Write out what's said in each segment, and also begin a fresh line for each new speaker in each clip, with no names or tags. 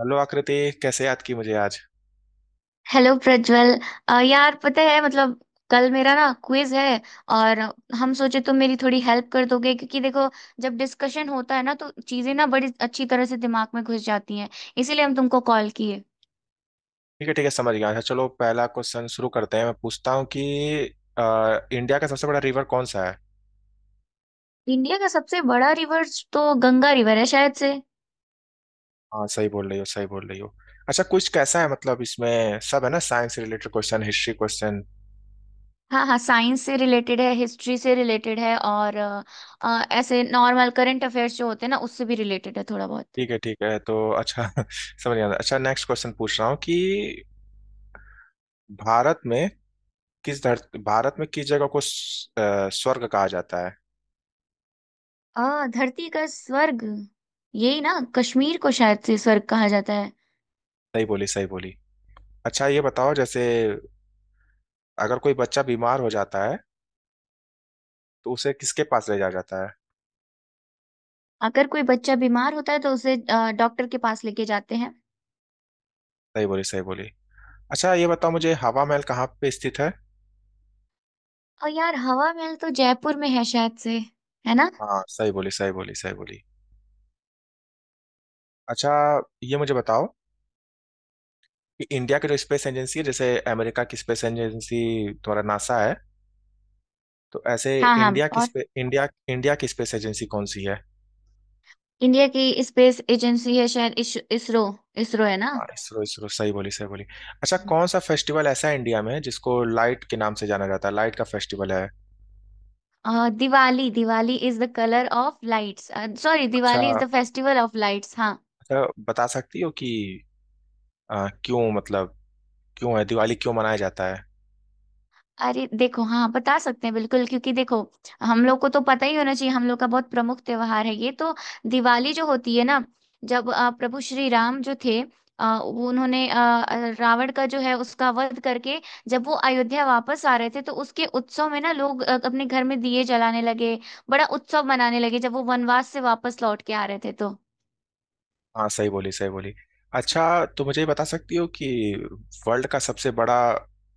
Hello Aakriti. कैसे याद की मुझे आज?
हेलो प्रज्वल। यार, पता है, मतलब कल मेरा ना क्विज है, और हम सोचे तुम मेरी थोड़ी हेल्प कर दोगे, क्योंकि देखो, जब डिस्कशन होता है ना, तो चीजें ना बड़ी अच्छी तरह से दिमाग में घुस जाती हैं, इसीलिए हम तुमको कॉल किए।
ठीक है, ठीक है, समझ गया। अच्छा, चलो पहला क्वेश्चन शुरू करते हैं। मैं पूछता हूँ कि इंडिया का सबसे बड़ा रिवर कौन सा है?
इंडिया का सबसे बड़ा रिवर, तो गंगा रिवर है शायद से।
हाँ, सही बोल रही हो, सही बोल रही हो। अच्छा, कुछ कैसा है? मतलब इसमें सब है ना, science related question, history question?
हाँ हाँ, साइंस से रिलेटेड है, हिस्ट्री से रिलेटेड है, और ऐसे नॉर्मल करंट अफेयर्स जो होते हैं ना, उससे भी रिलेटेड है थोड़ा बहुत।
ठीक है, ठीक है, तो अच्छा समझ गया। अच्छा, नेक्स्ट क्वेश्चन पूछ रहा हूँ कि भारत में किस जगह को स्वर्ग कहा जाता है?
धरती का स्वर्ग, यही ना, कश्मीर को शायद से स्वर्ग कहा जाता है।
सही बोली, सही बोली। अच्छा, ये बताओ, जैसे अगर कोई बच्चा बीमार हो जाता है तो उसे किसके पास ले जाया जाता है?
अगर कोई बच्चा बीमार होता है तो उसे डॉक्टर के पास लेके जाते हैं।
सही बोली, सही बोली। अच्छा, ये बताओ मुझे, हवा महल कहाँ पे स्थित है?
और यार, हवा महल तो जयपुर में है शायद से, है ना।
हाँ, सही बोली, सही बोली, सही बोली। अच्छा, ये मुझे बताओ कि इंडिया की जो स्पेस एजेंसी है, जैसे अमेरिका की स्पेस एजेंसी तुम्हारा नासा है, तो ऐसे
हाँ हाँ।
इंडिया की
और
स्पे, इंडिया इंडिया की स्पेस एजेंसी कौन सी है?
इंडिया की स्पेस एजेंसी है शायद इसरो। इसरो है ना।
हाँ, इसरो, इसरो, सही बोली, सही बोली। अच्छा, कौन सा फेस्टिवल ऐसा है इंडिया में जिसको लाइट के नाम से जाना जाता है, लाइट का फेस्टिवल है?
Diwali, Diwali is the colour of lights. Sorry,
अच्छा,
Diwali is the festival of lights. हाँ।
अच्छा, बता सकती हो कि क्यों, मतलब क्यों है दिवाली, क्यों मनाया जाता है?
अरे देखो, हाँ, बता सकते हैं बिल्कुल, क्योंकि देखो, हम लोग को तो पता ही होना चाहिए। हम लोग का बहुत प्रमुख त्योहार है ये तो। दिवाली जो होती है ना, जब प्रभु श्री राम जो थे, वो, उन्होंने रावण का जो है उसका वध करके, जब वो अयोध्या वापस आ रहे थे, तो उसके उत्सव में ना लोग अपने घर में दिए जलाने लगे, बड़ा उत्सव मनाने लगे, जब वो वनवास से वापस लौट के आ रहे थे तो।
हाँ, सही बोली, सही बोली। अच्छा, तो मुझे ये बता सकती हो कि वर्ल्ड का सबसे बड़ा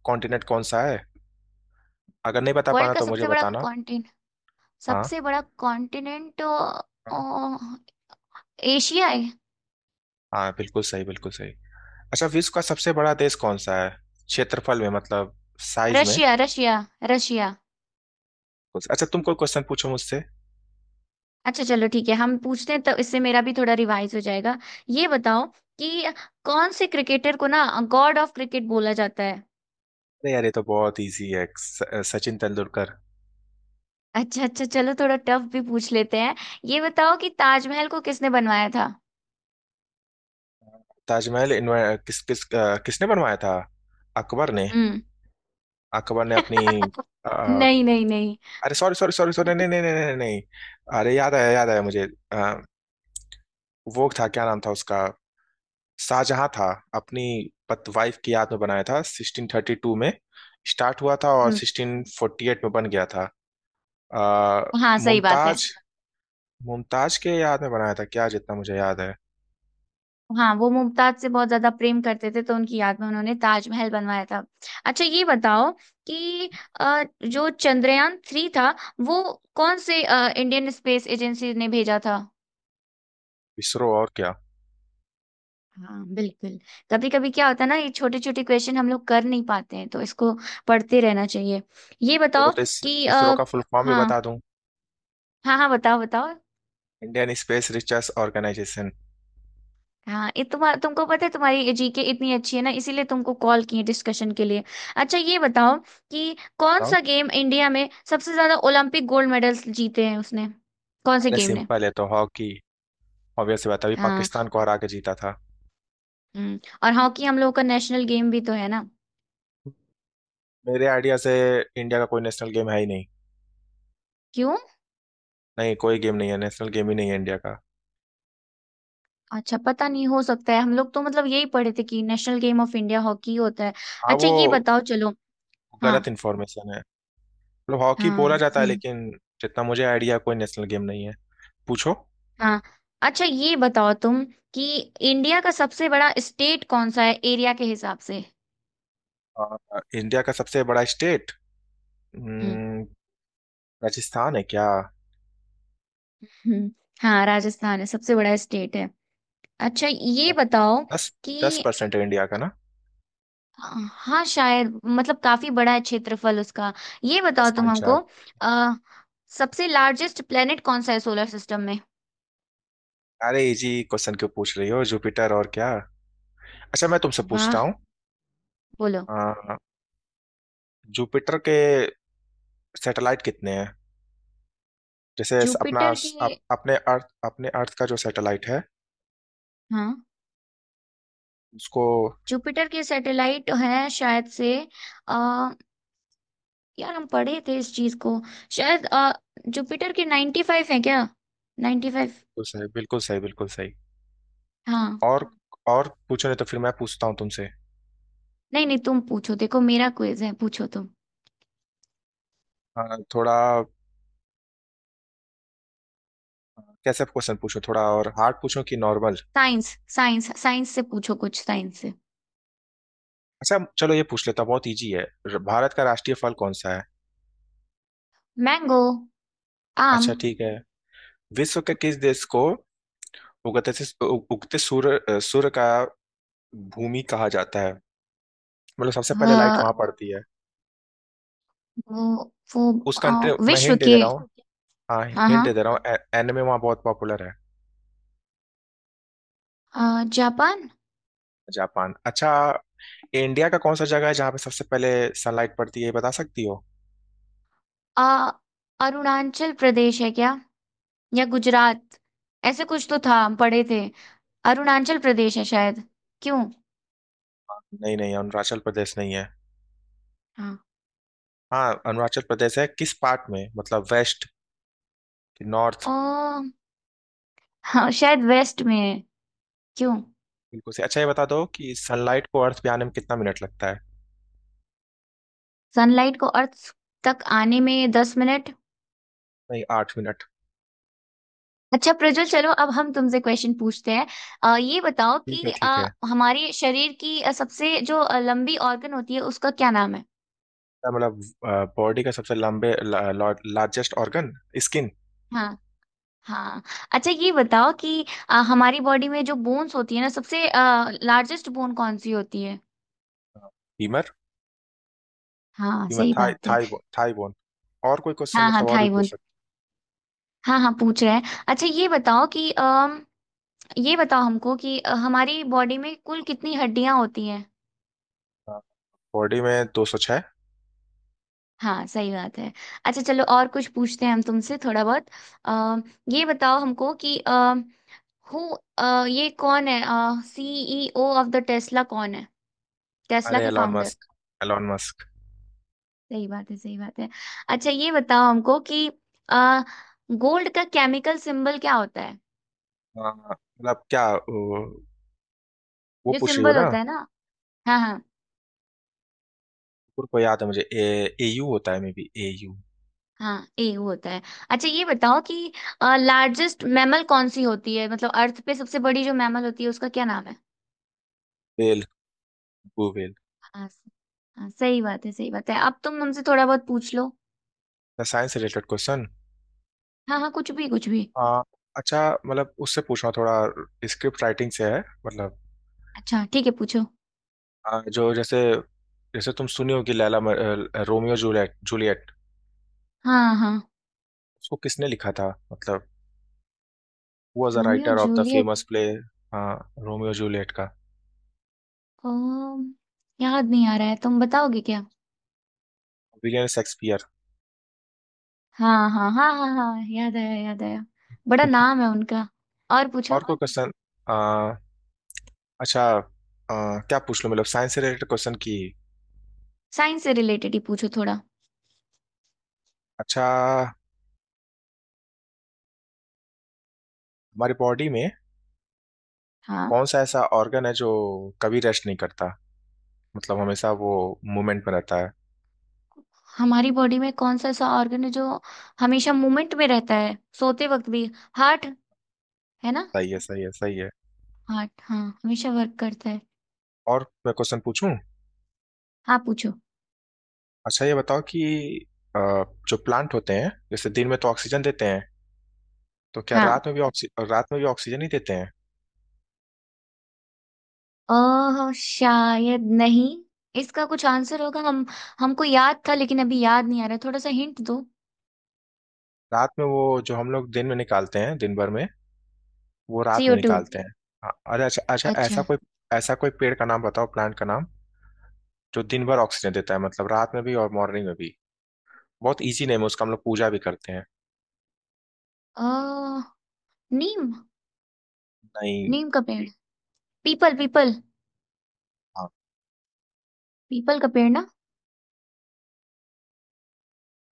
कॉन्टिनेंट कौन सा है? अगर नहीं बता
वर्ल्ड
पाना
का
तो मुझे
सबसे बड़ा
बताना।
कॉन्टिनेंट,
हाँ।
सबसे बड़ा कॉन्टिनेंट,
हाँ।
एशिया है।
हाँ, बिल्कुल सही, बिल्कुल सही। अच्छा, विश्व का सबसे बड़ा देश कौन सा है, क्षेत्रफल में, मतलब साइज में?
Russia, Russia. रशिया।
अच्छा, तुम कोई क्वेश्चन पूछो मुझसे।
अच्छा, चलो ठीक है, हम पूछते हैं, तो इससे मेरा भी थोड़ा रिवाइज हो जाएगा। ये बताओ कि कौन से क्रिकेटर को ना गॉड ऑफ क्रिकेट बोला जाता है।
अरे यार, ये तो बहुत इजी है, सचिन तेंदुलकर।
अच्छा अच्छा, चलो थोड़ा टफ भी पूछ लेते हैं। ये बताओ कि ताजमहल को किसने बनवाया था।
ताजमहल किस किस अ, किसने बनवाया था? अकबर ने।
हम्म।
अकबर ने अपनी अ,
नहीं नहीं नहीं।
अरे, सॉरी सॉरी सॉरी सॉरी, नहीं नहीं नहीं नहीं नहीं नहीं। अरे, याद आया, याद आया मुझे। वो, था क्या नाम था उसका? शाहजहां था। अपनी पत वाइफ की याद में बनाया था, 1632 में स्टार्ट हुआ था और
हम्म,
1648 में बन गया था। आ,
हाँ, सही बात है।
मुमताज मुमताज के याद में बनाया था क्या, जितना मुझे याद है।
हाँ, वो मुमताज से बहुत ज्यादा प्रेम करते थे, तो उनकी याद में उन्होंने ताजमहल बनवाया था। अच्छा, ये बताओ कि जो चंद्रयान 3 था, वो कौन से इंडियन स्पेस एजेंसी ने भेजा था।
इसरो, और क्या?
हाँ, बिल्कुल। कभी कभी क्या होता है ना, ये छोटे छोटे क्वेश्चन हम लोग कर नहीं पाते हैं, तो इसको पढ़ते रहना चाहिए। ये
बोलो,
बताओ
तो इस
कि
इसरो का फुल फॉर्म भी
हाँ।
बता दूं?
हाँ हाँ, बताओ बताओ।
Indian space research organisation.
हाँ, ये तुमको पता है, तुम्हारी GK इतनी अच्छी है ना, इसीलिए तुमको कॉल किए डिस्कशन के लिए। अच्छा, ये बताओ कि कौन सा गेम इंडिया में सबसे ज्यादा ओलंपिक गोल्ड मेडल्स जीते हैं उसने, कौन से
अरे,
गेम ने।
सिंपल है, तो हॉकी, ऑब्वियसली। बात है, अभी
हाँ।
पाकिस्तान को हरा के जीता था।
हम्म, और हॉकी हम लोगों का नेशनल गेम भी तो है ना।
मेरे आइडिया से इंडिया का कोई नेशनल गेम है ही नहीं।
क्यों।
नहीं, कोई गेम नहीं है, नेशनल गेम ही नहीं है इंडिया का।
अच्छा, पता नहीं, हो सकता है, हम लोग तो मतलब यही पढ़े थे कि national game of India hockey होता है।
हाँ,
अच्छा,
वो
ये बताओ चलो। हाँ
गलत इन्फॉर्मेशन है, मतलब हॉकी बोला
हाँ
जाता है, लेकिन जितना मुझे आइडिया, कोई नेशनल गेम नहीं है। पूछो।
हाँ। अच्छा, ये बताओ तुम कि इंडिया का सबसे बड़ा स्टेट कौन सा है, एरिया के हिसाब से।
अ, इंडिया का सबसे बड़ा स्टेट
हम्म।
राजस्थान है क्या?
हम्म। हाँ, राजस्थान है, सबसे बड़ा स्टेट है। अच्छा, ये बताओ
दस दस
कि,
परसेंट है इंडिया का ना,
हाँ शायद, मतलब काफी बड़ा है क्षेत्रफल उसका। ये
दस
बताओ तुम
पॉइंट चार
हमको, अ, सबसे लार्जेस्ट प्लेनेट कौन सा है सोलर सिस्टम में।
अरे, इजी क्वेश्चन क्यों पूछ रही हो, जुपिटर और क्या। अच्छा, मैं तुमसे पूछता
वाह।
हूँ,
बोलो।
अ, जुपिटर के सैटेलाइट कितने हैं? जैसे
जुपिटर के।
अपने अर्थ का जो सैटेलाइट है,
हाँ,
उसको।
जुपिटर के सैटेलाइट हैं शायद से। आ, यार, हम पढ़े थे इस चीज को, शायद। जुपिटर के 95 है क्या, 95।
बिल्कुल सही, बिल्कुल सही, बिल्कुल सही।
हाँ।
और और पूछो, नहीं तो फिर मैं पूछता हूँ तुमसे।
नहीं नहीं, तुम पूछो, देखो मेरा क्विज है, पूछो तुम।
हाँ, थोड़ा कैसे क्वेश्चन पूछो, थोड़ा और हार्ड पूछो कि नॉर्मल।
साइंस, साइंस, साइंस से पूछो कुछ, साइंस से।
अच्छा, चलो, ये पूछ लेता हूँ, बहुत इजी है, भारत का राष्ट्रीय फल कौन सा है?
मैंगो। आम।
अच्छा, ठीक है। विश्व के किस देश को उगते सूर्य का भूमि कहा जाता है, मतलब सबसे पहले लाइट
अ,
वहां पड़ती है?
वो वो
उस कंट्री
अ,
मैं
विश्व
हिंट दे दे
के।
रहा हूँ। हाँ,
हाँ
हिंट
हाँ।
दे दे रहा हूँ, एनिमे वहाँ बहुत पॉपुलर है।
जापान।
जापान, अच्छा। इंडिया का कौन सा जगह है जहाँ पे सबसे पहले सनलाइट पड़ती है, ये बता सकती हो?
अ, अरुणाचल प्रदेश है क्या, या गुजरात? ऐसे कुछ तो था, हम पढ़े थे। अरुणाचल प्रदेश है शायद। क्यों।
नहीं नहीं, अरुणाचल प्रदेश नहीं है।
हाँ।
हाँ, अरुणाचल प्रदेश है किस पार्ट में, मतलब वेस्ट कि नॉर्थ?
ओ, हाँ, शायद वेस्ट में है। क्यों।
बिल्कुल से। अच्छा, ये बता दो कि सनलाइट को अर्थ पे आने में कितना मिनट लगता है?
सनलाइट को अर्थ तक आने में 10 मिनट।
नहीं, 8 मिनट।
अच्छा प्रज्वल, चलो अब हम तुमसे क्वेश्चन पूछते हैं। ये बताओ
ठीक है,
कि
ठीक है।
हमारे शरीर की सबसे जो लंबी ऑर्गन होती है, उसका क्या नाम है।
क्या मतलब, बॉडी का सबसे लंबे, लार्जेस्ट ऑर्गन? स्किन।
हाँ। हाँ। अच्छा, ये बताओ कि हमारी बॉडी में जो बोन्स होती है ना, सबसे लार्जेस्ट बोन कौन सी होती है।
फीमर
हाँ,
फीमर
सही
थाई
बात है।
Thigh thigh bone. और कोई क्वेश्चन,
हाँ हाँ,
मतलब और भी पूछ
थाईवान।
सकते
हाँ हाँ, पूछ रहे हैं। अच्छा, ये बताओ कि अम ये बताओ हमको कि हमारी बॉडी में कुल कितनी हड्डियां होती हैं।
हैं। हाँ, बॉडी में 206।
हाँ, सही बात है। अच्छा चलो, और कुछ पूछते हैं हम तुमसे थोड़ा बहुत। अम ये बताओ हमको कि हु ये कौन है, CEO ऑफ द टेस्ला कौन है, टेस्ला
अरे,
के
Elon
founder.
Musk, Elon Musk.
सही बात है, सही बात है। अच्छा, ये बताओ हमको कि गोल्ड का केमिकल सिंबल क्या होता है,
हाँ, मतलब क्या, वो
जो
पूछ रही हो
सिंबल
ना?
होता है ना। हाँ हाँ।
कुकुर को याद है मुझे, Au होता है, मे बी Au।
हाँ, ए वो होता है। अच्छा, ये बताओ कि लार्जेस्ट मैमल कौन सी होती है, मतलब अर्थ पे सबसे बड़ी जो मैमल होती है, उसका क्या नाम है।
Whale, blue whale.
हाँ स- हाँ, सही बात है, सही बात है, अब तुम हमसे थोड़ा बहुत पूछ लो।
Science related question.
हाँ हाँ, कुछ भी कुछ भी।
हाँ, अच्छा, मतलब उससे पूछना थोड़ा, स्क्रिप्ट राइटिंग से है मतलब।
अच्छा ठीक है, पूछो।
जो जैसे जैसे तुम सुनी हो कि रोमियो जूलियट जूलियट
हाँ हाँ।
उसको किसने लिखा था, मतलब who was the
Romeo
writer of the
Juliet.
Famous play? हाँ, रोमियो जूलियट का
अम, याद नहीं आ रहा है, तुम बताओगे क्या।
William Shakespeare.
हाँ हाँ हाँ हाँ हाँ, याद आया, याद आया। बड़ा नाम है उनका। और पूछो।
और कोई क्वेश्चन? अच्छा, क्या पूछ लूं, मतलब साइंस से रिलेटेड क्वेश्चन की।
साइंस से रिलेटेड ही पूछो थोड़ा।
अच्छा, हमारी बॉडी में
हाँ।
कौन सा ऐसा ऑर्गन है जो कभी रेस्ट नहीं करता, मतलब हमेशा वो मूवमेंट में रहता है?
हमारी बॉडी में कौन सा ऐसा ऑर्गन है जो हमेशा मूवमेंट में रहता है, सोते वक्त भी, हार्ट, है ना।
सही है, सही है, सही है।
हार्ट, हाँ, हमेशा वर्क करता है।
और मैं क्वेश्चन पूछूं?
हाँ, पूछो।
अच्छा, ये बताओ कि अ, जो प्लांट होते हैं, जैसे दिन में तो ऑक्सीजन देते हैं, तो क्या
हाँ,
रात में भी ऑक्सीजन ही देते हैं?
शायद नहीं। इसका कुछ आंसर होगा, हम हमको याद था, लेकिन अभी याद नहीं आ रहा, थोड़ा सा हिंट दो।
रात में वो, जो हम लोग दिन में निकालते हैं दिन भर में, वो रात में
CO2।
निकालते हैं। हाँ, अरे, अच्छा, अच्छा, ऐसा
अच्छा।
कोई ऐसा कोई पेड़ का नाम बताओ, प्लांट का नाम, जो दिन भर ऑक्सीजन देता है, मतलब रात में भी और मॉर्निंग में भी। बहुत इजी नेम है उसका, हम लोग पूजा भी करते हैं।
अ नीम।
नहीं।
नीम का पेड़। पीपल, पीपल।
हाँ।
पीपल का पेड़ ना।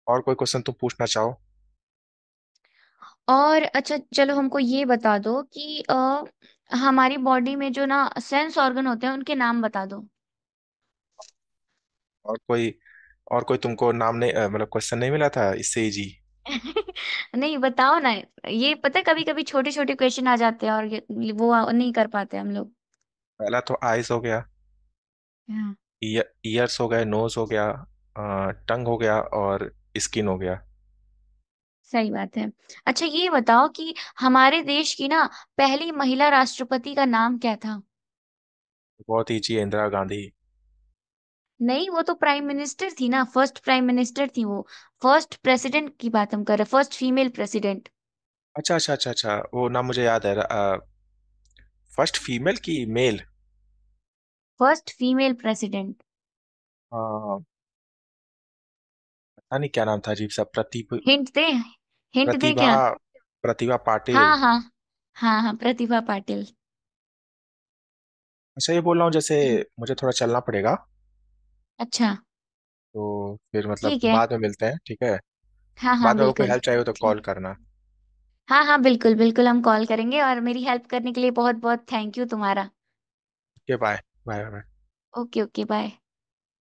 और कोई क्वेश्चन तुम पूछना चाहो?
और अच्छा चलो, हमको ये बता दो कि हमारी बॉडी में जो ना सेंस ऑर्गन होते हैं, उनके नाम बता दो।
और कोई और कोई तुमको नाम नहीं, मतलब क्वेश्चन नहीं मिला था इससे इजी?
नहीं, बताओ ना। ये पता, कभी कभी छोटे छोटे क्वेश्चन आ जाते हैं, और ये, वो नहीं कर पाते हम लोग।
पहला तो आइस हो गया,
हाँ,
ईयर्स हो गए, नोज हो गया, टंग हो गया, और स्किन हो गया।
सही बात है। अच्छा, ये बताओ कि हमारे देश की ना पहली महिला राष्ट्रपति का नाम क्या था।
बहुत ईजी है, इंदिरा गांधी।
नहीं, वो तो प्राइम मिनिस्टर थी ना, फर्स्ट प्राइम मिनिस्टर थी वो। फर्स्ट प्रेसिडेंट की बात हम कर रहे हैं, फर्स्ट फीमेल प्रेसिडेंट।
अच्छा, अच्छा, अच्छा, अच्छा, वो नाम मुझे याद है, फर्स्ट फीमेल की, मेल।
First female president.
हाँ, पता नहीं क्या नाम था, अजीब सा,
हिंट दे, हिंट दे
प्रतिभा
क्या।
प्रतिभा पाटिल।
हाँ हाँ, हाँ हाँ, प्रतिभा पाटिल।
अच्छा, ये बोल रहा हूँ, जैसे
हम्म।
मुझे थोड़ा चलना पड़ेगा,
अच्छा
तो फिर मतलब
ठीक है।
बाद में मिलते हैं, ठीक है।
हाँ हाँ,
बाद में अगर कोई
बिल्कुल।
हेल्प चाहिए हो तो कॉल
ठीक।
करना।
हाँ हाँ, बिल्कुल बिल्कुल, हम कॉल करेंगे, और मेरी हेल्प करने के लिए बहुत बहुत थैंक यू तुम्हारा।
Okay, bye. Bye, bye.
Okay. Okay, bye.